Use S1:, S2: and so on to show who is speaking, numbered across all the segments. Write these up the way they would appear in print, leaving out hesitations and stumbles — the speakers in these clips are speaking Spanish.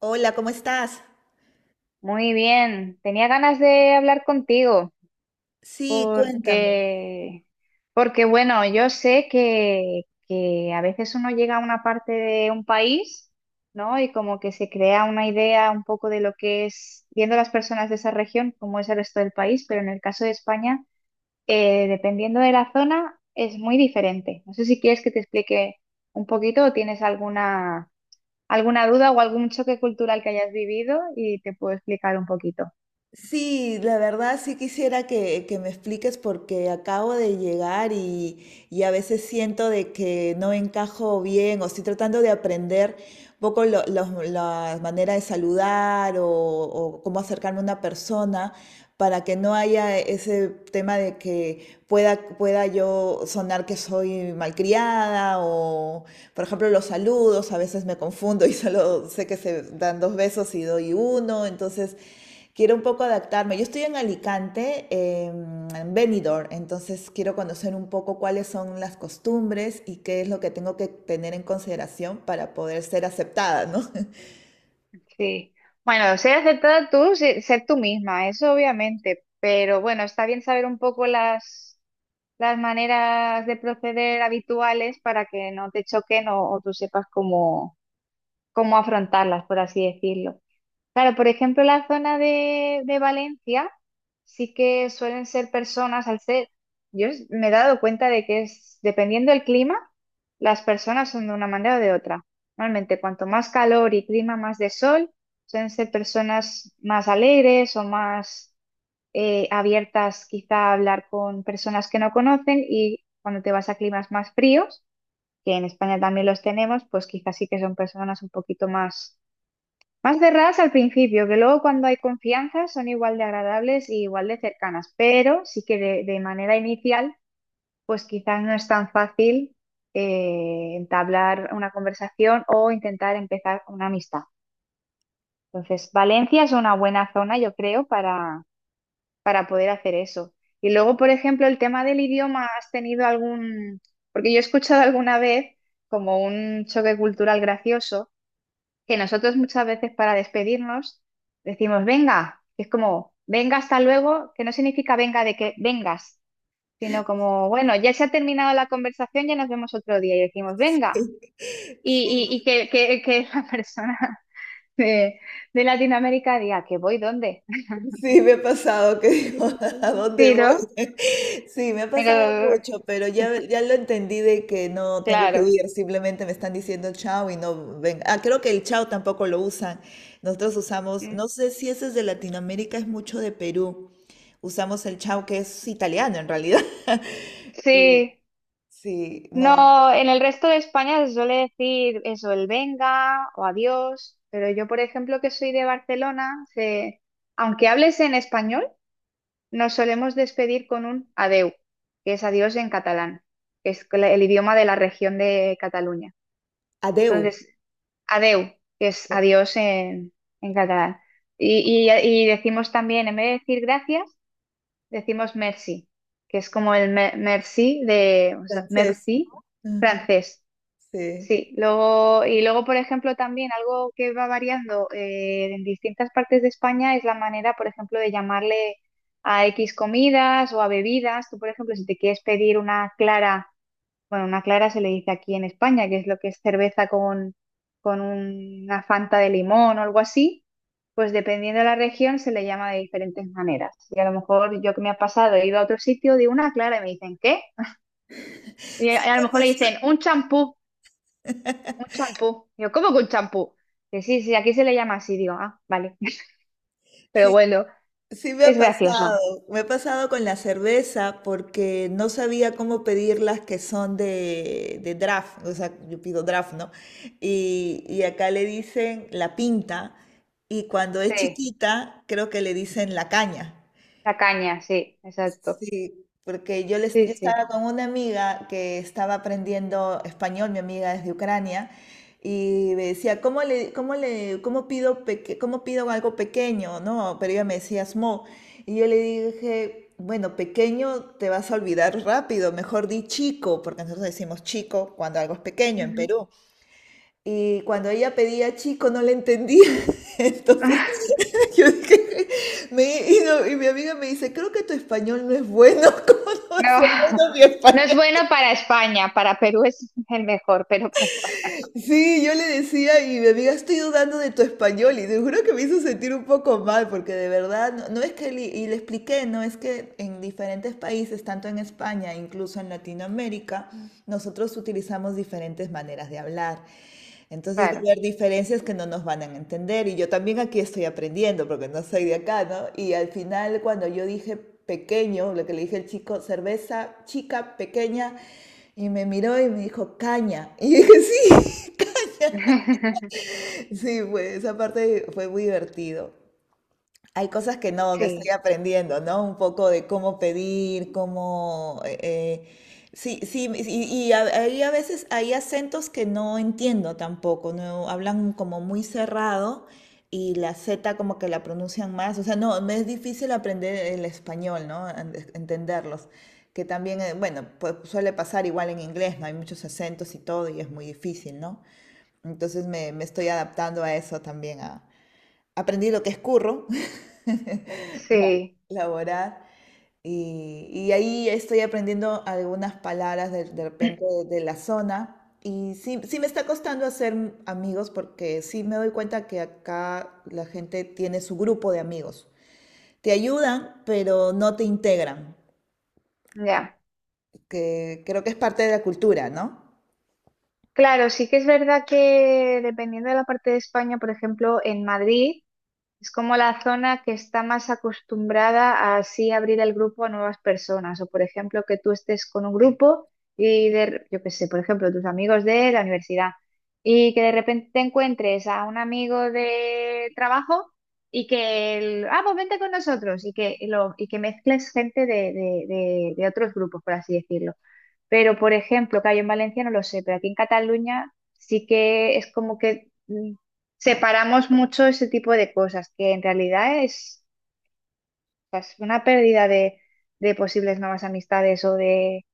S1: Hola, ¿cómo estás?
S2: Muy bien, tenía ganas de hablar contigo
S1: Sí, cuéntame.
S2: porque, porque bueno, yo sé que a veces uno llega a una parte de un país, ¿no? Y como que se crea una idea un poco de lo que es, viendo las personas de esa región, cómo es el resto del país, pero en el caso de España, dependiendo de la zona, es muy diferente. No sé si quieres que te explique un poquito o tienes alguna duda o algún choque cultural que hayas vivido y te puedo explicar un poquito.
S1: Sí, la verdad sí quisiera que me expliques porque acabo de llegar y a veces siento de que no encajo bien o estoy tratando de aprender un poco la manera de saludar o cómo acercarme a una persona para que no haya ese tema de que pueda yo sonar que soy malcriada o, por ejemplo, los saludos, a veces me confundo y solo sé que se dan dos besos y doy uno, entonces quiero un poco adaptarme. Yo estoy en Alicante, en Benidorm, entonces quiero conocer un poco cuáles son las costumbres y qué es lo que tengo que tener en consideración para poder ser aceptada, ¿no?
S2: Sí, bueno, ser aceptada tú, ser tú misma, eso obviamente, pero bueno, está bien saber un poco las maneras de proceder habituales para que no te choquen o tú sepas cómo afrontarlas, por así decirlo. Claro, por ejemplo, la zona de Valencia sí que suelen ser personas, al ser, me he dado cuenta de que es, dependiendo del clima, las personas son de una manera o de otra. Normalmente, cuanto más calor y clima más de sol, suelen ser personas más alegres o más abiertas quizá a hablar con personas que no conocen y cuando te vas a climas más fríos, que en España también los tenemos, pues quizás sí que son personas un poquito más más cerradas al principio, que luego cuando hay confianza son igual de agradables y igual de cercanas, pero sí que de manera inicial, pues quizás no es tan fácil entablar una conversación o intentar empezar una amistad. Entonces, Valencia es una buena zona, yo creo, para poder hacer eso. Y luego, por ejemplo, el tema del idioma, ¿has tenido algún? Porque yo he escuchado alguna vez como un choque cultural gracioso que nosotros muchas veces para despedirnos decimos venga, es como venga hasta luego, que no significa venga de que vengas, sino como bueno, ya se ha terminado la conversación, ya nos vemos otro día y decimos venga, y que la persona de, de Latinoamérica diga que voy dónde.
S1: Sí, me ha pasado que digo, ¿a dónde
S2: Sí,
S1: voy?
S2: ¿no?
S1: Sí, me ha pasado
S2: Pero
S1: mucho, pero ya lo entendí de que no tengo que
S2: claro,
S1: ir, simplemente me están diciendo chao y no ven. Ah, creo que el chao tampoco lo usan. Nosotros usamos,
S2: mm,
S1: no sé si ese es de Latinoamérica, es mucho de Perú. Usamos el chao que es italiano en realidad. Sí,
S2: sí.
S1: sí, no,
S2: No, en el resto de España se suele decir eso, el venga o adiós, pero yo, por ejemplo, que soy de Barcelona, aunque hables en español, nos solemos despedir con un adeu, que es adiós en catalán, que es el idioma de la región de Cataluña.
S1: adeu,
S2: Entonces, adeu, que es adiós en catalán. Y decimos también, en vez de decir gracias, decimos merci, que es como el merci de, o sea,
S1: francés.
S2: merci
S1: Ujú,
S2: francés.
S1: sí.
S2: Sí, luego, y luego, por ejemplo, también algo que va variando en distintas partes de España es la manera, por ejemplo, de llamarle a X comidas o a bebidas. Tú, por ejemplo, si te quieres pedir una clara, bueno, una clara se le dice aquí en España, que es lo que es cerveza con una fanta de limón o algo así, pues dependiendo de la región se le llama de diferentes maneras. Y a lo mejor yo que me ha pasado, he ido a otro sitio, digo una clara y me dicen, ¿qué? Y a lo mejor le dicen un champú. Un champú. Yo, ¿cómo que un champú? Que sí, sí, aquí se le llama así, digo, ah, vale. Pero
S1: Sí,
S2: bueno,
S1: sí
S2: es gracioso.
S1: me ha pasado con la cerveza porque no sabía cómo pedir las que son de draft, o sea, yo pido draft, ¿no? Y acá le dicen la pinta y cuando es
S2: Sí,
S1: chiquita creo que le dicen la caña.
S2: la caña, sí, exacto.
S1: Sí, porque
S2: Sí,
S1: yo
S2: sí.
S1: estaba con una amiga que estaba aprendiendo español, mi amiga es de Ucrania, y me decía, ¿cómo pido, cómo pido algo pequeño? ¿No? Pero ella me decía smo. Y yo le dije, bueno, pequeño te vas a olvidar rápido, mejor di chico, porque nosotros decimos chico cuando algo es pequeño en
S2: Ujú.
S1: Perú. Y cuando ella pedía chico no le entendía, entonces yo dije, mi amiga me dice, creo que tu español no es bueno, ¿cómo no va a
S2: No,
S1: ser bueno mi
S2: no es
S1: español?
S2: bueno para España, para Perú es el mejor, pero para España, no,
S1: Sí, yo le decía y mi amiga, estoy dudando de tu español y te juro que me hizo sentir un poco mal porque de verdad, no, no es que le expliqué, no es que en diferentes países, tanto en España, incluso en Latinoamérica, nosotros utilizamos diferentes maneras de hablar. Entonces va
S2: claro.
S1: a haber diferencias que no nos van a entender y yo también aquí estoy aprendiendo porque no soy de acá, ¿no? Y al final cuando yo dije pequeño, lo que le dije al chico, cerveza chica, pequeña, y me miró y me dijo caña. Y yo dije, sí, sí, pues esa parte fue muy divertido. Hay cosas que no, que estoy
S2: Sí,
S1: aprendiendo, ¿no? Un poco de cómo pedir, sí, sí, hay a veces hay acentos que no entiendo tampoco, ¿no? Hablan como muy cerrado y la Z como que la pronuncian más. O sea, no, me es difícil aprender el español, ¿no? Entenderlos. Que también, bueno, pues suele pasar igual en inglés, ¿no? Hay muchos acentos y todo y es muy difícil, ¿no? Entonces me estoy adaptando a eso también. Aprendí lo que es curro, la-
S2: sí,
S1: laborar, y ahí estoy aprendiendo algunas palabras de repente de la zona. Y sí, sí me está costando hacer amigos porque sí me doy cuenta que acá la gente tiene su grupo de amigos. Te ayudan, pero no te integran,
S2: ya.
S1: que creo que es parte de la cultura, ¿no?
S2: Claro, sí que es verdad que dependiendo de la parte de España, por ejemplo, en Madrid. Es como la zona que está más acostumbrada a así abrir el grupo a nuevas personas. O, por ejemplo, que tú estés con un grupo y, yo qué sé, por ejemplo, tus amigos de la universidad y que de repente te encuentres a un amigo de trabajo y que, pues vente con nosotros y que, y lo, y que mezcles gente de, de otros grupos, por así decirlo. Pero, por ejemplo, que hay en Valencia no lo sé, pero aquí en Cataluña sí que es como que separamos mucho ese tipo de cosas, que en realidad es, o sea, es una pérdida de posibles nuevas amistades o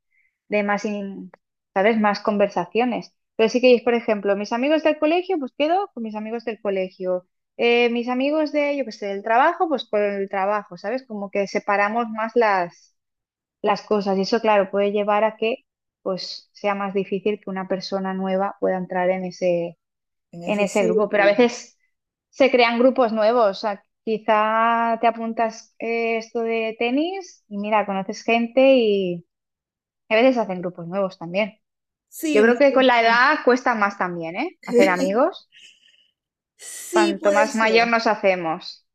S2: de más, ¿sabes? Más conversaciones. Pero sí que es, por ejemplo, mis amigos del colegio, pues quedo con mis amigos del colegio. Mis amigos de, yo qué sé, del trabajo, pues con el trabajo, ¿sabes? Como que separamos más las cosas. Y eso, claro, puede llevar a que pues sea más difícil que una persona nueva pueda entrar
S1: En
S2: en
S1: ese
S2: ese grupo. Pero a
S1: círculo.
S2: veces se crean grupos nuevos. O sea, quizá te apuntas esto de tenis y mira, conoces gente y a veces hacen grupos nuevos también. Yo
S1: Sí, me
S2: creo que con la
S1: apunté.
S2: edad cuesta más también, ¿eh? Hacer amigos.
S1: Sí,
S2: Cuanto
S1: puede
S2: más mayor
S1: ser.
S2: nos hacemos.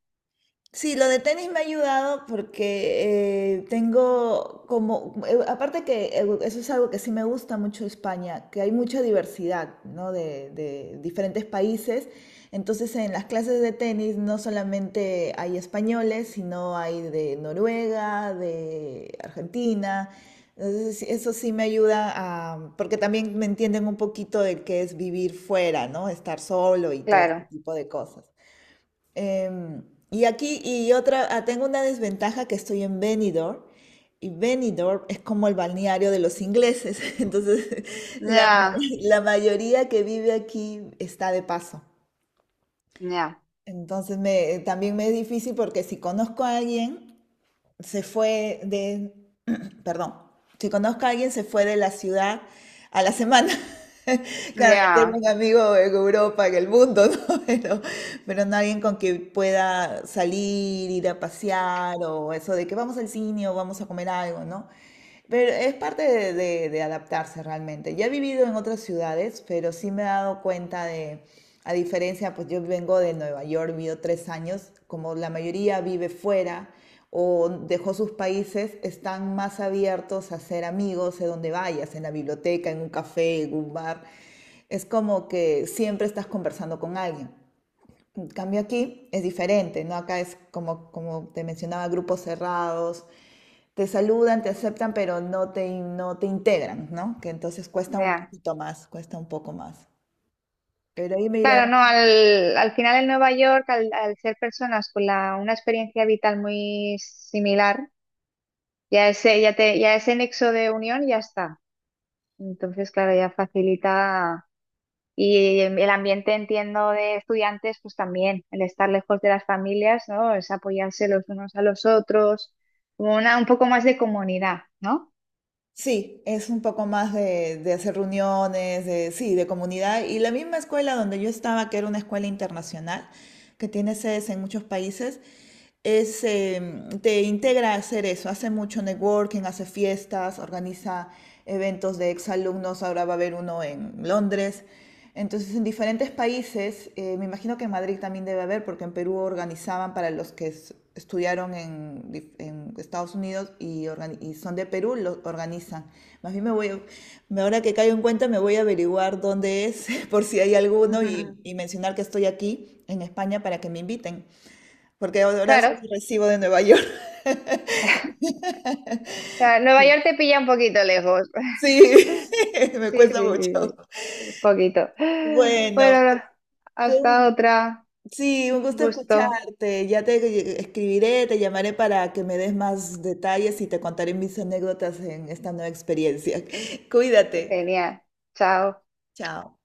S1: Sí, lo de tenis me ha ayudado porque tengo como, aparte que eso es algo que sí me gusta mucho de España, que hay mucha diversidad, ¿no? De diferentes países. Entonces en las clases de tenis no solamente hay españoles, sino hay de Noruega, de Argentina. Entonces sí, eso sí me ayuda a, porque también me entienden un poquito de qué es vivir fuera, ¿no? Estar solo y todo este
S2: Claro.
S1: tipo de cosas. Em, y aquí, y otra, ah, tengo una desventaja que estoy en Benidorm, y Benidorm es como el balneario de los ingleses, entonces la,
S2: Ya,
S1: la mayoría que vive aquí está de paso.
S2: ya,
S1: Entonces también me es difícil porque si conozco a alguien, se fue de, perdón, si conozco a alguien, se fue de la ciudad a la semana. Claro, yo tengo
S2: ya,
S1: un amigo en Europa, en el mundo, ¿no? Pero no alguien con quien pueda salir, ir a pasear o eso de que vamos al cine o vamos a comer algo, ¿no? Pero es parte de adaptarse realmente. Ya he vivido en otras ciudades, pero sí me he dado cuenta de, a diferencia, pues yo vengo de Nueva York, vivo 3 años, como la mayoría vive fuera, o dejó sus países, están más abiertos a ser amigos de donde vayas, en la biblioteca, en un café, en un bar. Es como que siempre estás conversando con alguien. En cambio aquí es diferente, ¿no? Acá es como, como te mencionaba, grupos cerrados, te saludan, te aceptan, pero no te integran, ¿no? Que entonces cuesta un
S2: ya.
S1: poquito más, cuesta un poco más. Pero ahí me iré.
S2: Claro, no, al final en Nueva York, al ser personas con la, una experiencia vital muy similar, ya ese nexo de unión ya está. Entonces, claro, ya facilita. Y el ambiente, entiendo, de estudiantes, pues también, el estar lejos de las familias, ¿no? Es apoyarse los unos a los otros, como una, un poco más de comunidad, ¿no?
S1: Sí, es un poco más de hacer reuniones, de, sí, de comunidad. Y la misma escuela donde yo estaba, que era una escuela internacional, que tiene sedes en muchos países, es, te integra a hacer eso. Hace mucho networking, hace fiestas, organiza eventos de exalumnos. Ahora va a haber uno en Londres. Entonces, en diferentes países, me imagino que en Madrid también debe haber, porque en Perú organizaban para los que estudiaron en, en Estados Unidos y, y son de Perú, lo organizan. Más bien me voy, a- me- ahora que caigo en cuenta, me voy a averiguar dónde es, por si hay alguno, y mencionar que estoy aquí en España para que me inviten, porque ahora
S2: Claro.
S1: solo recibo de Nueva York.
S2: O sea, Nueva York te pilla un poquito lejos.
S1: Sí, me
S2: Sí,
S1: cuesta
S2: sí,
S1: mucho.
S2: sí, sí. Un poquito.
S1: Bueno,
S2: Bueno,
S1: fue
S2: hasta
S1: un
S2: otra.
S1: sí, un
S2: Un
S1: gusto
S2: gusto.
S1: escucharte. Ya te escribiré, te llamaré para que me des más detalles y te contaré mis anécdotas en esta nueva experiencia. Cuídate.
S2: Genial. Chao.
S1: Chao.